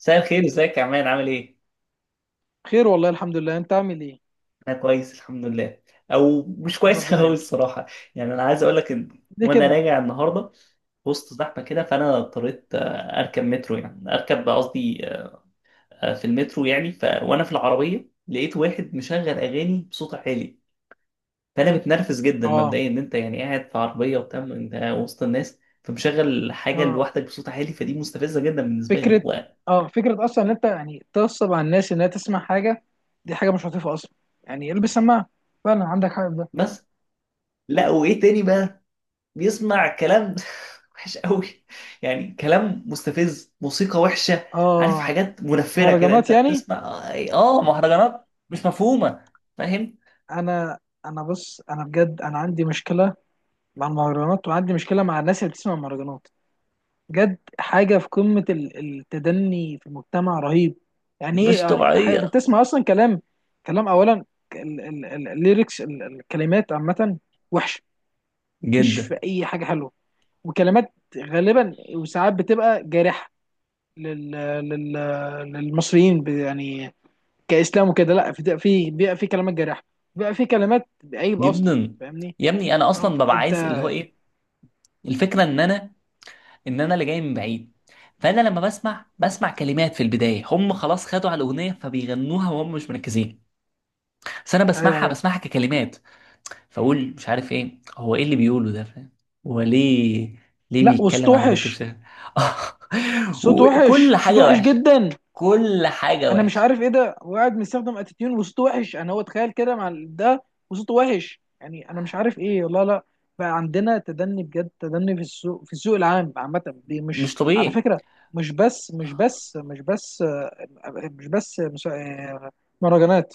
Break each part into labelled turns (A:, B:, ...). A: مساء الخير، ازيك يا عمان؟ عامل ايه؟
B: خير والله الحمد لله. انت عامل ايه؟
A: انا كويس الحمد لله، او مش
B: يا رب
A: كويس قوي
B: دايما.
A: الصراحه. يعني انا عايز اقول لك ان
B: ليه
A: وانا
B: كده؟
A: راجع النهارده وسط زحمه كده، فانا اضطريت اركب مترو، يعني اركب قصدي. في المترو يعني، وانا في العربيه لقيت واحد مشغل اغاني بصوت عالي. فانا متنرفز جدا
B: اه.
A: مبدئيا ان انت يعني قاعد في عربيه وبتاع انت وسط الناس، فمشغل حاجه
B: اه
A: لوحدك بصوت عالي، فدي مستفزه جدا بالنسبه لي.
B: فكره
A: هو
B: اه، فكره اصلا ان انت يعني تغصب على الناس انها تسمع حاجه. دي حاجه مش لطيفه اصلا. يعني البس سماعه. فعلا عندك حق في ده.
A: بس، لا وايه تاني بقى، بيسمع كلام وحش قوي. يعني كلام مستفز، موسيقى وحشة. عارف
B: اه.
A: حاجات منفرة كده،
B: مهرجانات
A: انت
B: يعني.
A: بتسمع؟ مهرجانات مش مفهومة. فاهم؟
B: انا انا بص، انا بجد انا عندي مشكله مع المهرجانات، وعندي مشكله مع الناس اللي بتسمع مهرجانات. بجد حاجه في قمه التدني في المجتمع، رهيب. يعني ايه؟
A: مش
B: يعني حاجه انت
A: طبيعية.
B: بتسمع اصلا كلام. كلام، اولا الليركس، الكلمات عامه وحشه. مفيش
A: جدا
B: في اي حاجه حلوه. وكلمات غالبا، وساعات بتبقى جارحه لل لل للمصريين، يعني كاسلام وكده. لا، في، بيبقى في كلمات جارحه، بيبقى في كلمات عيب اصلا.
A: جدا.
B: فاهمني؟
A: يا ابني انا
B: اه،
A: اصلا ببقى
B: فانت.
A: عايز اللي هو ايه، الفكرة ان انا اللي جاي من بعيد. فانا لما بسمع، كلمات في البداية هم خلاص خدوا على الاغنية فبيغنوها وهم مش مركزين، بس انا
B: ايوه
A: بسمعها،
B: ايوه.
A: ككلمات. فاقول مش عارف ايه هو، ايه اللي بيقوله ده؟ فاهم؟ هو ليه،
B: لا، وصوت
A: بيتكلم عن البنت
B: وحش.
A: بشكل
B: صوت وحش،
A: وكل
B: صوت
A: حاجه
B: وحش
A: وحشه؟
B: جدا.
A: كل حاجه
B: انا مش
A: وحشه
B: عارف ايه ده، وقاعد مستخدم اتيتيون وصوته وحش. انا هو اتخيل كده مع ده، وصوته وحش. يعني انا مش عارف ايه، والله لا. بقى عندنا تدني، بجد تدني في السوق، في السوق العام عامه. دي مش
A: مش
B: على
A: طبيعي.
B: فكره مش بس مش بس مش بس آه، مش بس مهرجانات.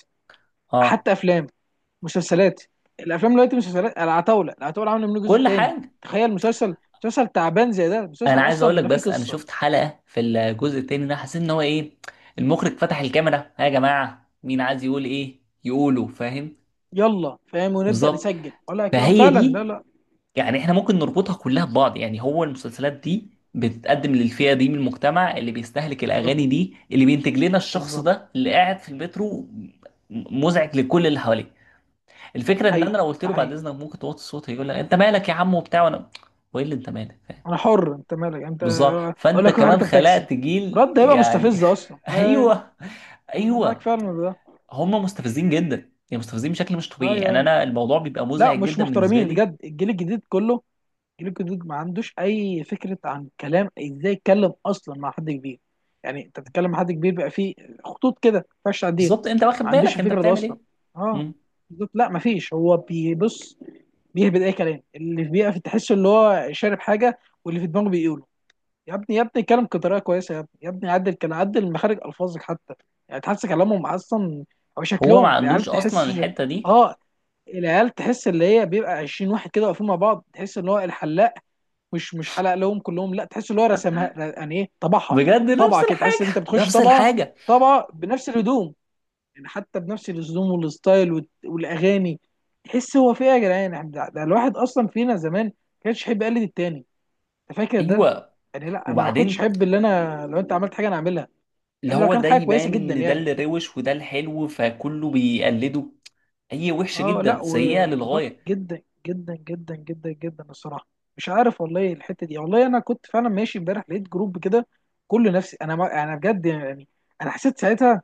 A: اه.
B: حتى افلام، مسلسلات. الافلام دلوقتي، مسلسلات العتاوله، العتاوله عامله منه جزء
A: كل
B: تاني.
A: حاجه.
B: تخيل، مسلسل تعبان زي ده، مسلسل
A: انا عايز
B: اصلا
A: اقول لك،
B: لا فيه
A: بس انا
B: قصه.
A: شفت حلقه في الجزء التاني ده، حسيت ان هو ايه، المخرج فتح الكاميرا، ها يا جماعه مين عايز يقول ايه يقوله. فاهم؟
B: يلا فاهم، ونبدا
A: بالظبط.
B: نسجل ولا كده؟
A: فهي
B: فعلا، لا
A: دي،
B: لا.
A: يعني احنا ممكن نربطها كلها ببعض. يعني هو المسلسلات دي بتتقدم للفئة دي من المجتمع، اللي بيستهلك
B: بالظبط
A: الأغاني دي، اللي بينتج لنا الشخص
B: بالظبط.
A: ده اللي قاعد في المترو مزعج لكل اللي حواليه. الفكرة إن أنا
B: حقيقي،
A: لو قلت
B: ده
A: له بعد
B: حقيقي.
A: إذنك ممكن توطي الصوت، هيقول لك أنت مالك يا عم وبتاع، وأنا، وإيه اللي أنت مالك؟ فاهم؟
B: انا حر، انت مالك انت.
A: بالظبط.
B: اقول
A: فأنت
B: لك روح
A: كمان
B: اركب تاكسي.
A: خلقت جيل
B: رد هيبقى
A: يعني
B: مستفز اصلا. ايوه ايوه.
A: أيوه،
B: انا معاك
A: أيوه.
B: فعلا في ده.
A: هم مستفزين جدا. يعني مستفزين بشكل مش طبيعي.
B: ايوه
A: يعني
B: ايوه.
A: أنا الموضوع بيبقى
B: لا
A: مزعج
B: مش
A: جدا بالنسبة
B: محترمين
A: لي.
B: بجد، الجيل الجديد كله. الجيل الجديد ما عندوش اي فكره عن كلام، ازاي يتكلم اصلا مع حد كبير. يعني انت بتتكلم مع حد كبير، بقى فيه خطوط كده ما ينفعش تعديها.
A: بالظبط، أنت واخد
B: ما عندوش
A: بالك أنت
B: الفكره ده
A: بتعمل
B: اصلا.
A: إيه؟
B: اه. بالظبط. لا ما فيش، هو بيبص بيهبد اي كلام. اللي في بيقف، تحسه اللي هو شارب حاجه، واللي في دماغه بيقوله. يا ابني يا ابني اتكلم بطريقه كويسه، يا ابني يا ابني عدل، كان عدل مخارج الفاظك حتى. يعني تحس كلامهم اصلا او
A: هو ما
B: شكلهم، العيال
A: عندوش اصلا
B: تحس.
A: الحته دي.
B: اه. العيال تحس، اللي هي بيبقى 20 واحد كده واقفين مع بعض، تحس ان هو الحلاق مش حلق لهم كلهم، لا تحس ان هو رسمها يعني. ايه طبعها؟
A: بجد
B: طبعه
A: نفس
B: كده. تحس ان
A: الحاجه
B: انت بتخش
A: نفس
B: طبعه.
A: الحاجه.
B: طبعه بنفس الهدوم. يعني حتى بنفس الهدوم والستايل والاغاني. تحس هو في ايه يا جدعان؟ يعني ده الواحد اصلا فينا زمان ما كانش يحب يقلد التاني. انت فاكر ده؟
A: ايوه.
B: يعني لا، انا ما كنتش
A: وبعدين
B: احب، اللي انا لو انت عملت حاجه انا اعملها،
A: اللي
B: الا لو
A: هو
B: كانت
A: ده
B: حاجه كويسه
A: يبان
B: جدا
A: ان ده اللي
B: يعني.
A: روش، وده الحلو، فكله بيقلده. هي وحشه
B: اه لا،
A: جدا، سيئه
B: وبالظبط،
A: للغايه.
B: جدا جدا جدا جدا جدا، الصراحه. مش عارف والله الحته دي. والله انا كنت فعلا ماشي امبارح لقيت جروب كده، كل نفسي انا، ما انا بجد يعني. انا حسيت ساعتها،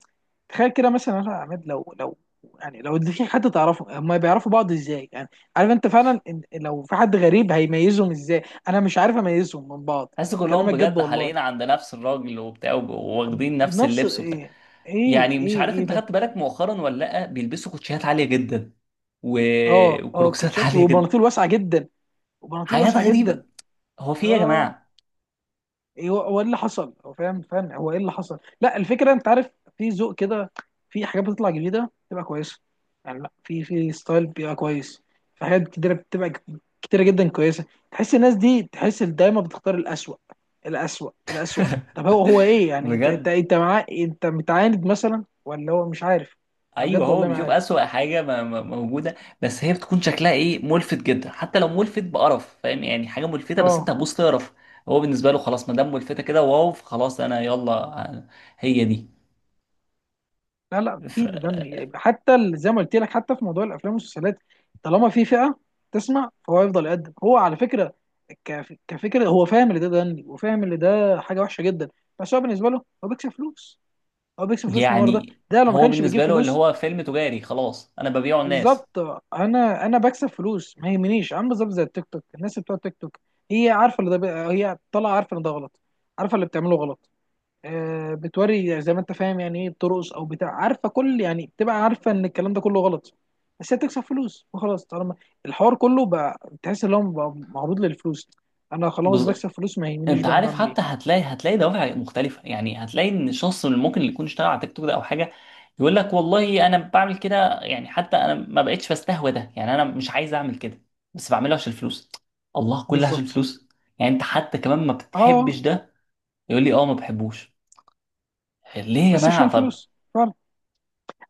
B: تخيل كده مثلا انا عماد، لو يعني لو في حد تعرفه، هما بيعرفوا بعض ازاي يعني؟ عارف انت، فعلا إن لو في حد غريب هيميزهم ازاي؟ انا مش عارف اميزهم من بعض.
A: حاسس كلهم
B: كلامك جد
A: بجد حلقين
B: والله.
A: عند نفس الراجل وبتاع، واخدين نفس
B: بنفس
A: اللبس وبتاع.
B: ايه؟ ايه
A: يعني مش
B: ايه
A: عارف،
B: ايه
A: انت
B: ده.
A: خدت بالك مؤخرا ولا لا؟ بيلبسوا كوتشيات عاليه جدا، و...
B: اه اه،
A: وكروكسات
B: كوتشات
A: عاليه جدا.
B: وبناطيل واسعه جدا. وبناطيل
A: حاجات
B: واسعه
A: غريبه.
B: جدا.
A: هو في ايه يا
B: اه.
A: جماعه؟
B: ايه هو، هو ايه اللي حصل هو فاهم فاهم هو ايه اللي حصل؟ لا، الفكره انت عارف، في ذوق كده، في حاجات بتطلع جديده بتبقى كويسه. يعني لا، في ستايل بيبقى كويس. في حاجات كتيره بتبقى كتيره جدا، كويسه. تحس الناس دي، تحس إن دايما بتختار الاسوأ. الاسوأ الاسوأ. طب هو، هو ايه يعني؟ انت انت
A: بجد.
B: انت معاه، انت متعاند مثلا؟ ولا هو مش عارف؟ انا
A: ايوه،
B: بجد
A: هو
B: والله ما
A: بيشوف
B: عارف.
A: اسوأ حاجه موجوده. بس هي بتكون شكلها ايه، ملفت جدا. حتى لو ملفت بقرف. فاهم يعني؟ حاجه ملفته، بس انت
B: اه
A: هتبص تقرف. هو بالنسبه له خلاص، ما دام ملفته كده، واو خلاص انا يلا. هي دي.
B: لا لا،
A: ف
B: في تدني حتى زي ما قلت لك، حتى في موضوع الافلام والمسلسلات. طالما في فئه تسمع، فهو يفضل يقدم. هو على فكره، كفكره، هو فاهم ان ده تدني، وفاهم ان ده حاجه وحشه جدا، بس هو بالنسبه له، هو بيكسب فلوس. هو بيكسب فلوس من ورا ده،
A: يعني
B: ده لو ما
A: هو
B: كانش بيجيب
A: بالنسبه له اللي
B: فلوس.
A: هو فيلم تجاري، خلاص انا ببيعه الناس.
B: بالظبط. انا بكسب فلوس، ما يهمنيش. عامل بالظبط زي التيك توك، الناس اللي بتوع التيك توك، هي عارفه اللي ده هي طالعه عارفه ان ده غلط، عارفه اللي بتعمله غلط. بتوري زي ما انت فاهم يعني ايه، بترقص او بتاع. عارفه كل يعني، بتبقى عارفه ان الكلام ده كله غلط، بس هي بتكسب فلوس وخلاص. طالما الحوار كله بقى، تحس ان هو بقى معروض للفلوس. انا خلاص بكسب فلوس، ما يهمنيش
A: انت
B: بقى انا
A: عارف،
B: بعمل ايه.
A: حتى هتلاقي، دوافع مختلفه. يعني هتلاقي ان الشخص اللي ممكن اللي يكون اشتغل على تيك توك ده او حاجه، يقول لك والله انا بعمل كده، يعني حتى انا ما بقتش بستهوى ده، يعني انا مش عايز اعمل كده، بس بعمله عشان الفلوس. الله، كله عشان
B: بالظبط.
A: الفلوس. يعني انت حتى كمان ما
B: اه،
A: بتحبش ده؟ يقول لي اه ما بحبوش. ليه يا
B: بس عشان
A: جماعه طب؟
B: فلوس فعلا.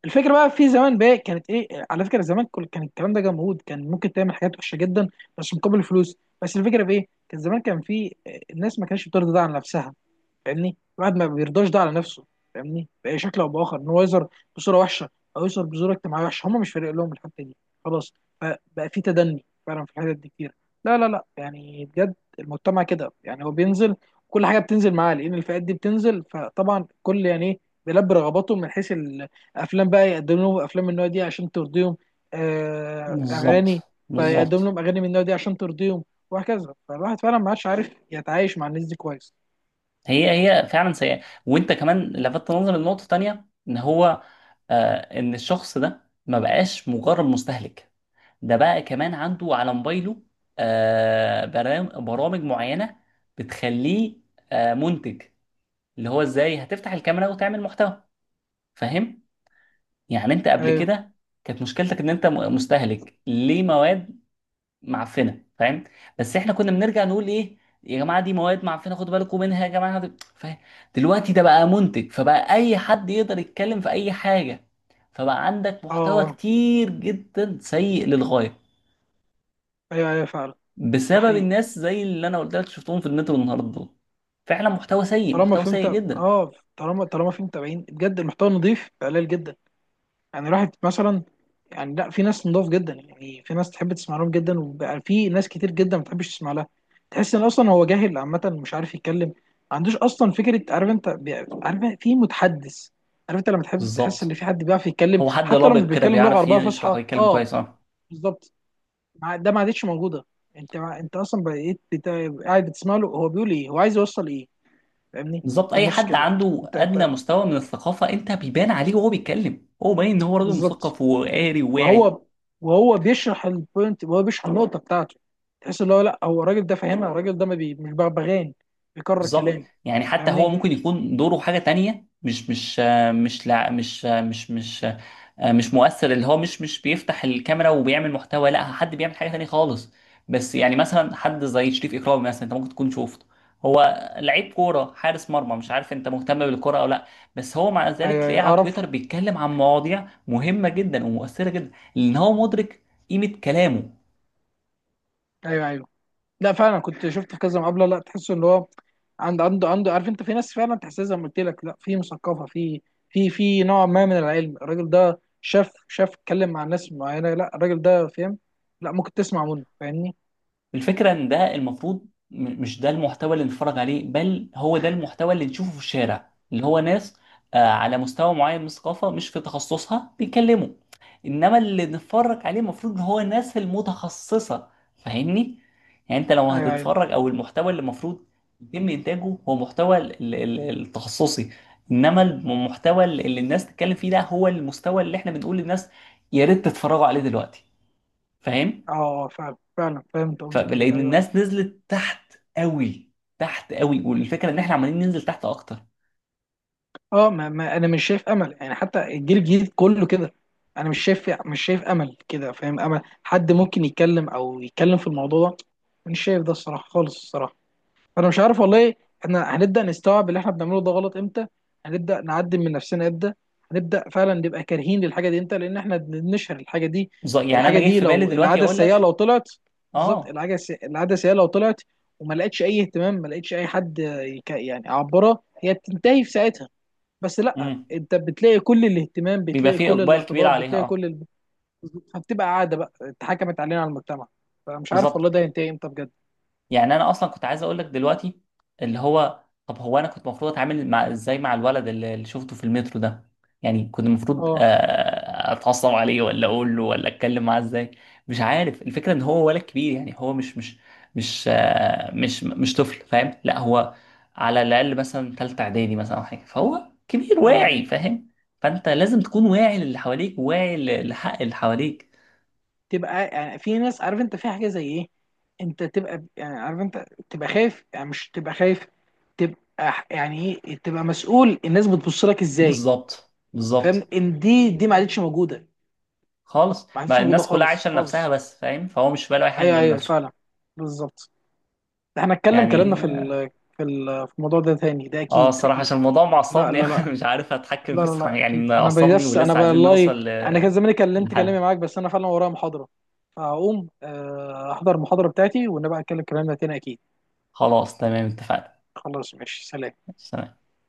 B: الفكره بقى، في زمان بقى كانت ايه على فكره. زمان كل، كان الكلام ده جمهود، كان ممكن تعمل حاجات وحشه جدا بس مقابل فلوس. بس الفكره في ايه؟ كان زمان كان في الناس ما كانتش بترضى ده عن نفسها. فاهمني؟ الواحد ما بيرضاش ده على نفسه. فاهمني؟ باي شكل او باخر، ان هو يظهر بصوره وحشه، او يظهر بصوره اجتماعيه وحشه. هم مش فارق لهم الحته دي، خلاص. فبقى في تدني فعلا في الحتت دي كتير. لا لا لا، يعني بجد المجتمع كده، يعني هو بينزل، كل حاجه بتنزل معاه، لان الفئات دي بتنزل. فطبعا كل يعني ايه، بيلبي رغباتهم. من حيث الافلام بقى، يقدم لهم افلام من النوع دي عشان ترضيهم. اغاني،
A: بالظبط،
B: فيقدم
A: بالظبط.
B: لهم اغاني من النوع دي عشان ترضيهم. وهكذا. فالواحد فعلا ما عادش عارف يتعايش مع الناس دي كويس.
A: هي هي فعلا سيئه. وانت كمان لفتت نظري لنقطه تانيه، ان هو ان الشخص ده ما بقاش مجرد مستهلك، ده بقى كمان عنده على موبايله برامج معينة بتخليه منتج، اللي هو ازاي هتفتح الكاميرا وتعمل محتوى. فاهم؟ يعني انت قبل
B: آه.
A: كده كانت مشكلتك ان انت مستهلك ليه مواد معفنة. فاهم؟ بس احنا كنا بنرجع نقول ايه، يا جماعة دي مواد معفنة خدوا بالكم منها. يا جماعة فاهم؟ دلوقتي ده بقى منتج، فبقى اي حد يقدر يتكلم في اي حاجة. فبقى عندك محتوى
B: اه.
A: كتير جدا سيء للغاية
B: ايوه ايوه فعلا. ده
A: بسبب
B: حقيقي.
A: الناس زي اللي انا قلت لك شفتهم في النت والنهارده دول. فعلا محتوى سيء،
B: طالما
A: محتوى
B: في
A: سيء
B: متابع،
A: جدا.
B: اه طالما في متابعين. بجد المحتوى نضيف بقى قليل جدا. يعني الواحد مثلا، يعني لا في ناس نضاف جدا، يعني في ناس تحب تسمع لهم جدا، وبقى في ناس كتير جدا ما بتحبش تسمع لها. تحس ان اصلا هو جاهل عامه، مش عارف يتكلم، ما عندوش اصلا فكره. عارف انت عارف في متحدث، عارف انت لما تحب تحس ان
A: بالظبط.
B: في حد بيعرف يتكلم،
A: هو حد
B: حتى لو مش
A: لابق كده،
B: بيتكلم لغه
A: بيعرف
B: عربيه
A: يشرح
B: فصحى.
A: ويتكلم
B: اه
A: كويس. اه،
B: بالظبط. ده ما عادتش موجوده. انت اصلا بقيت قاعد بتسمع له، هو بيقول ايه، هو عايز يوصل ايه. فاهمني؟
A: بالظبط.
B: في
A: اي
B: النص
A: حد
B: كده.
A: عنده
B: انت
A: ادنى
B: انت
A: مستوى من الثقافه، انت بيبان عليه وهو بيتكلم، هو باين ان هو راجل
B: بالظبط.
A: مثقف وقاري وواعي.
B: وهو وهو بيشرح البوينت، وهو بيشرح النقطه بتاعته. تحس اللي هو لا، هو الراجل ده فاهمها، الراجل ده ما بي مش بغبغاني بيكرر
A: بالظبط.
B: كلامي.
A: يعني حتى هو
B: فاهمني؟
A: ممكن يكون دوره حاجه تانية مش مؤثر، اللي هو مش مش بيفتح الكاميرا وبيعمل محتوى. لا، حد بيعمل حاجه تانية خالص. بس يعني مثلا حد زي شريف اكرامي مثلا، انت ممكن تكون شفته. هو لعيب كوره، حارس مرمى. مش عارف انت مهتم بالكوره او لا، بس هو مع ذلك
B: ايوه
A: تلاقيه
B: ايوه
A: على
B: اعرف.
A: تويتر بيتكلم عن مواضيع مهمه جدا ومؤثره جدا، لان هو مدرك قيمه كلامه.
B: ايوه ايوه. لا فعلا كنت شفت في كذا مقابله، لا تحس ان هو عنده، عارف انت، في ناس فعلا تحسها زي ما قلت لك، لا في مثقفه، في في نوع ما من العلم. الراجل ده شاف، اتكلم مع ناس معينه، لا الراجل ده فاهم. لا ممكن تسمع منه. فاهمني؟
A: الفكره ان ده المفروض، مش ده المحتوى اللي نتفرج عليه، بل هو ده المحتوى اللي نشوفه في الشارع، اللي هو ناس على مستوى معين من الثقافه مش في تخصصها بيتكلموا. انما اللي نتفرج عليه، المفروض ان هو الناس المتخصصه. فاهمني؟ يعني انت لو
B: ايوه ايوه.
A: هتتفرج، او المحتوى اللي المفروض يتم انتاجه، هو محتوى التخصصي. انما المحتوى اللي الناس تتكلم فيه ده، هو المستوى اللي احنا بنقول للناس يا ريت تتفرجوا عليه دلوقتي. فاهم؟
B: اه فعلا فعلا، فهمت قصدك ايه. ايوه
A: فلان
B: ايوه.
A: الناس نزلت تحت قوي، تحت قوي. والفكره ان احنا عمالين ننزل تحت اكتر.
B: اه ما انا مش شايف امل، يعني حتى الجيل الجديد كله كده. انا مش شايف، امل كده فاهم. امل حد ممكن يتكلم، او يتكلم في الموضوع ده، مش شايف ده الصراحه خالص، الصراحه. انا مش عارف والله. احنا هنبدا نستوعب اللي احنا بنعمله ده غلط امتى؟ هنبدا نعدل من نفسنا امتى؟ هنبدا فعلا نبقى كارهين للحاجه دي امتى؟ لان احنا بنشهر الحاجه دي.
A: يعني
B: الحاجه
A: انا جاي
B: دي،
A: في بالي
B: لو
A: دلوقتي
B: العاده
A: اقول
B: السيئه لو
A: لك.
B: طلعت. بالظبط،
A: اه.
B: العاده العاده السيئه لو طلعت وما لقتش اي اهتمام، ما لقتش اي حد يعني يعبرها، هي بتنتهي في ساعتها. بس لا،
A: امم
B: انت بتلاقي كل الاهتمام،
A: بيبقى
B: بتلاقي
A: فيه
B: كل
A: اقبال كبير
B: الاعتبار،
A: عليها.
B: بتلاقي
A: اه،
B: كل ال... فبتبقى عاده بقى اتحكمت علينا، على المجتمع. فمش عارف
A: بالظبط.
B: والله ده هينتهي امتى بجد.
A: يعني انا اصلا كنت عايز اقول لك دلوقتي اللي هو، طب هو انا كنت المفروض اتعامل مع، ازاي مع الولد اللي شفته في المترو ده؟ يعني كنت المفروض
B: اه.
A: اتعصب عليه، ولا اقول له، ولا اتكلم معاه ازاي؟ مش عارف. الفكره ان هو ولد كبير، يعني هو مش مش مش آه، مش مش طفل، فاهم؟ لا هو على الاقل مثلا ثالثه اعدادي مثلا، او حاجه، فهو كبير
B: ايوه
A: واعي،
B: ايوه.
A: فاهم؟ فانت لازم تكون واعي للي حواليك، واعي لحق اللي حواليك.
B: تبقى يعني في ناس عارف انت، في حاجه زي ايه؟ انت تبقى يعني، عارف انت تبقى خايف يعني، مش تبقى خايف، تبقى يعني ايه، تبقى مسؤول، الناس بتبص لك ازاي.
A: بالظبط،
B: فاهم
A: بالظبط.
B: ان دي ما عادتش موجوده.
A: خالص،
B: ما عادتش
A: ما
B: موجوده
A: الناس كلها
B: خالص،
A: عايشه لنفسها
B: خالص.
A: بس، فاهم؟ فهو مش في باله اي حاجه
B: ايوه
A: غير
B: ايوه
A: نفسه.
B: فعلا. بالظبط. ده احنا هنتكلم كلامنا
A: يعني
B: في الموضوع ده تاني، ده
A: اه
B: اكيد
A: الصراحه
B: اكيد.
A: عشان الموضوع
B: لا
A: معصبني
B: لا لا.
A: أوي، مش عارف اتحكم
B: لا
A: فيه الصراحه.
B: لا
A: يعني
B: اكيد. انا
A: معصبني،
B: بس، انا
A: ولسه عايزين نوصل
B: والله انا كان زماني كلمت
A: لحل.
B: كلامي معاك، بس انا فعلا ورايا محاضره، فهقوم احضر المحاضره بتاعتي، ونبقى نتكلم كلامنا تاني اكيد.
A: خلاص تمام اتفقنا.
B: خلاص ماشي، سلام.
A: تمام.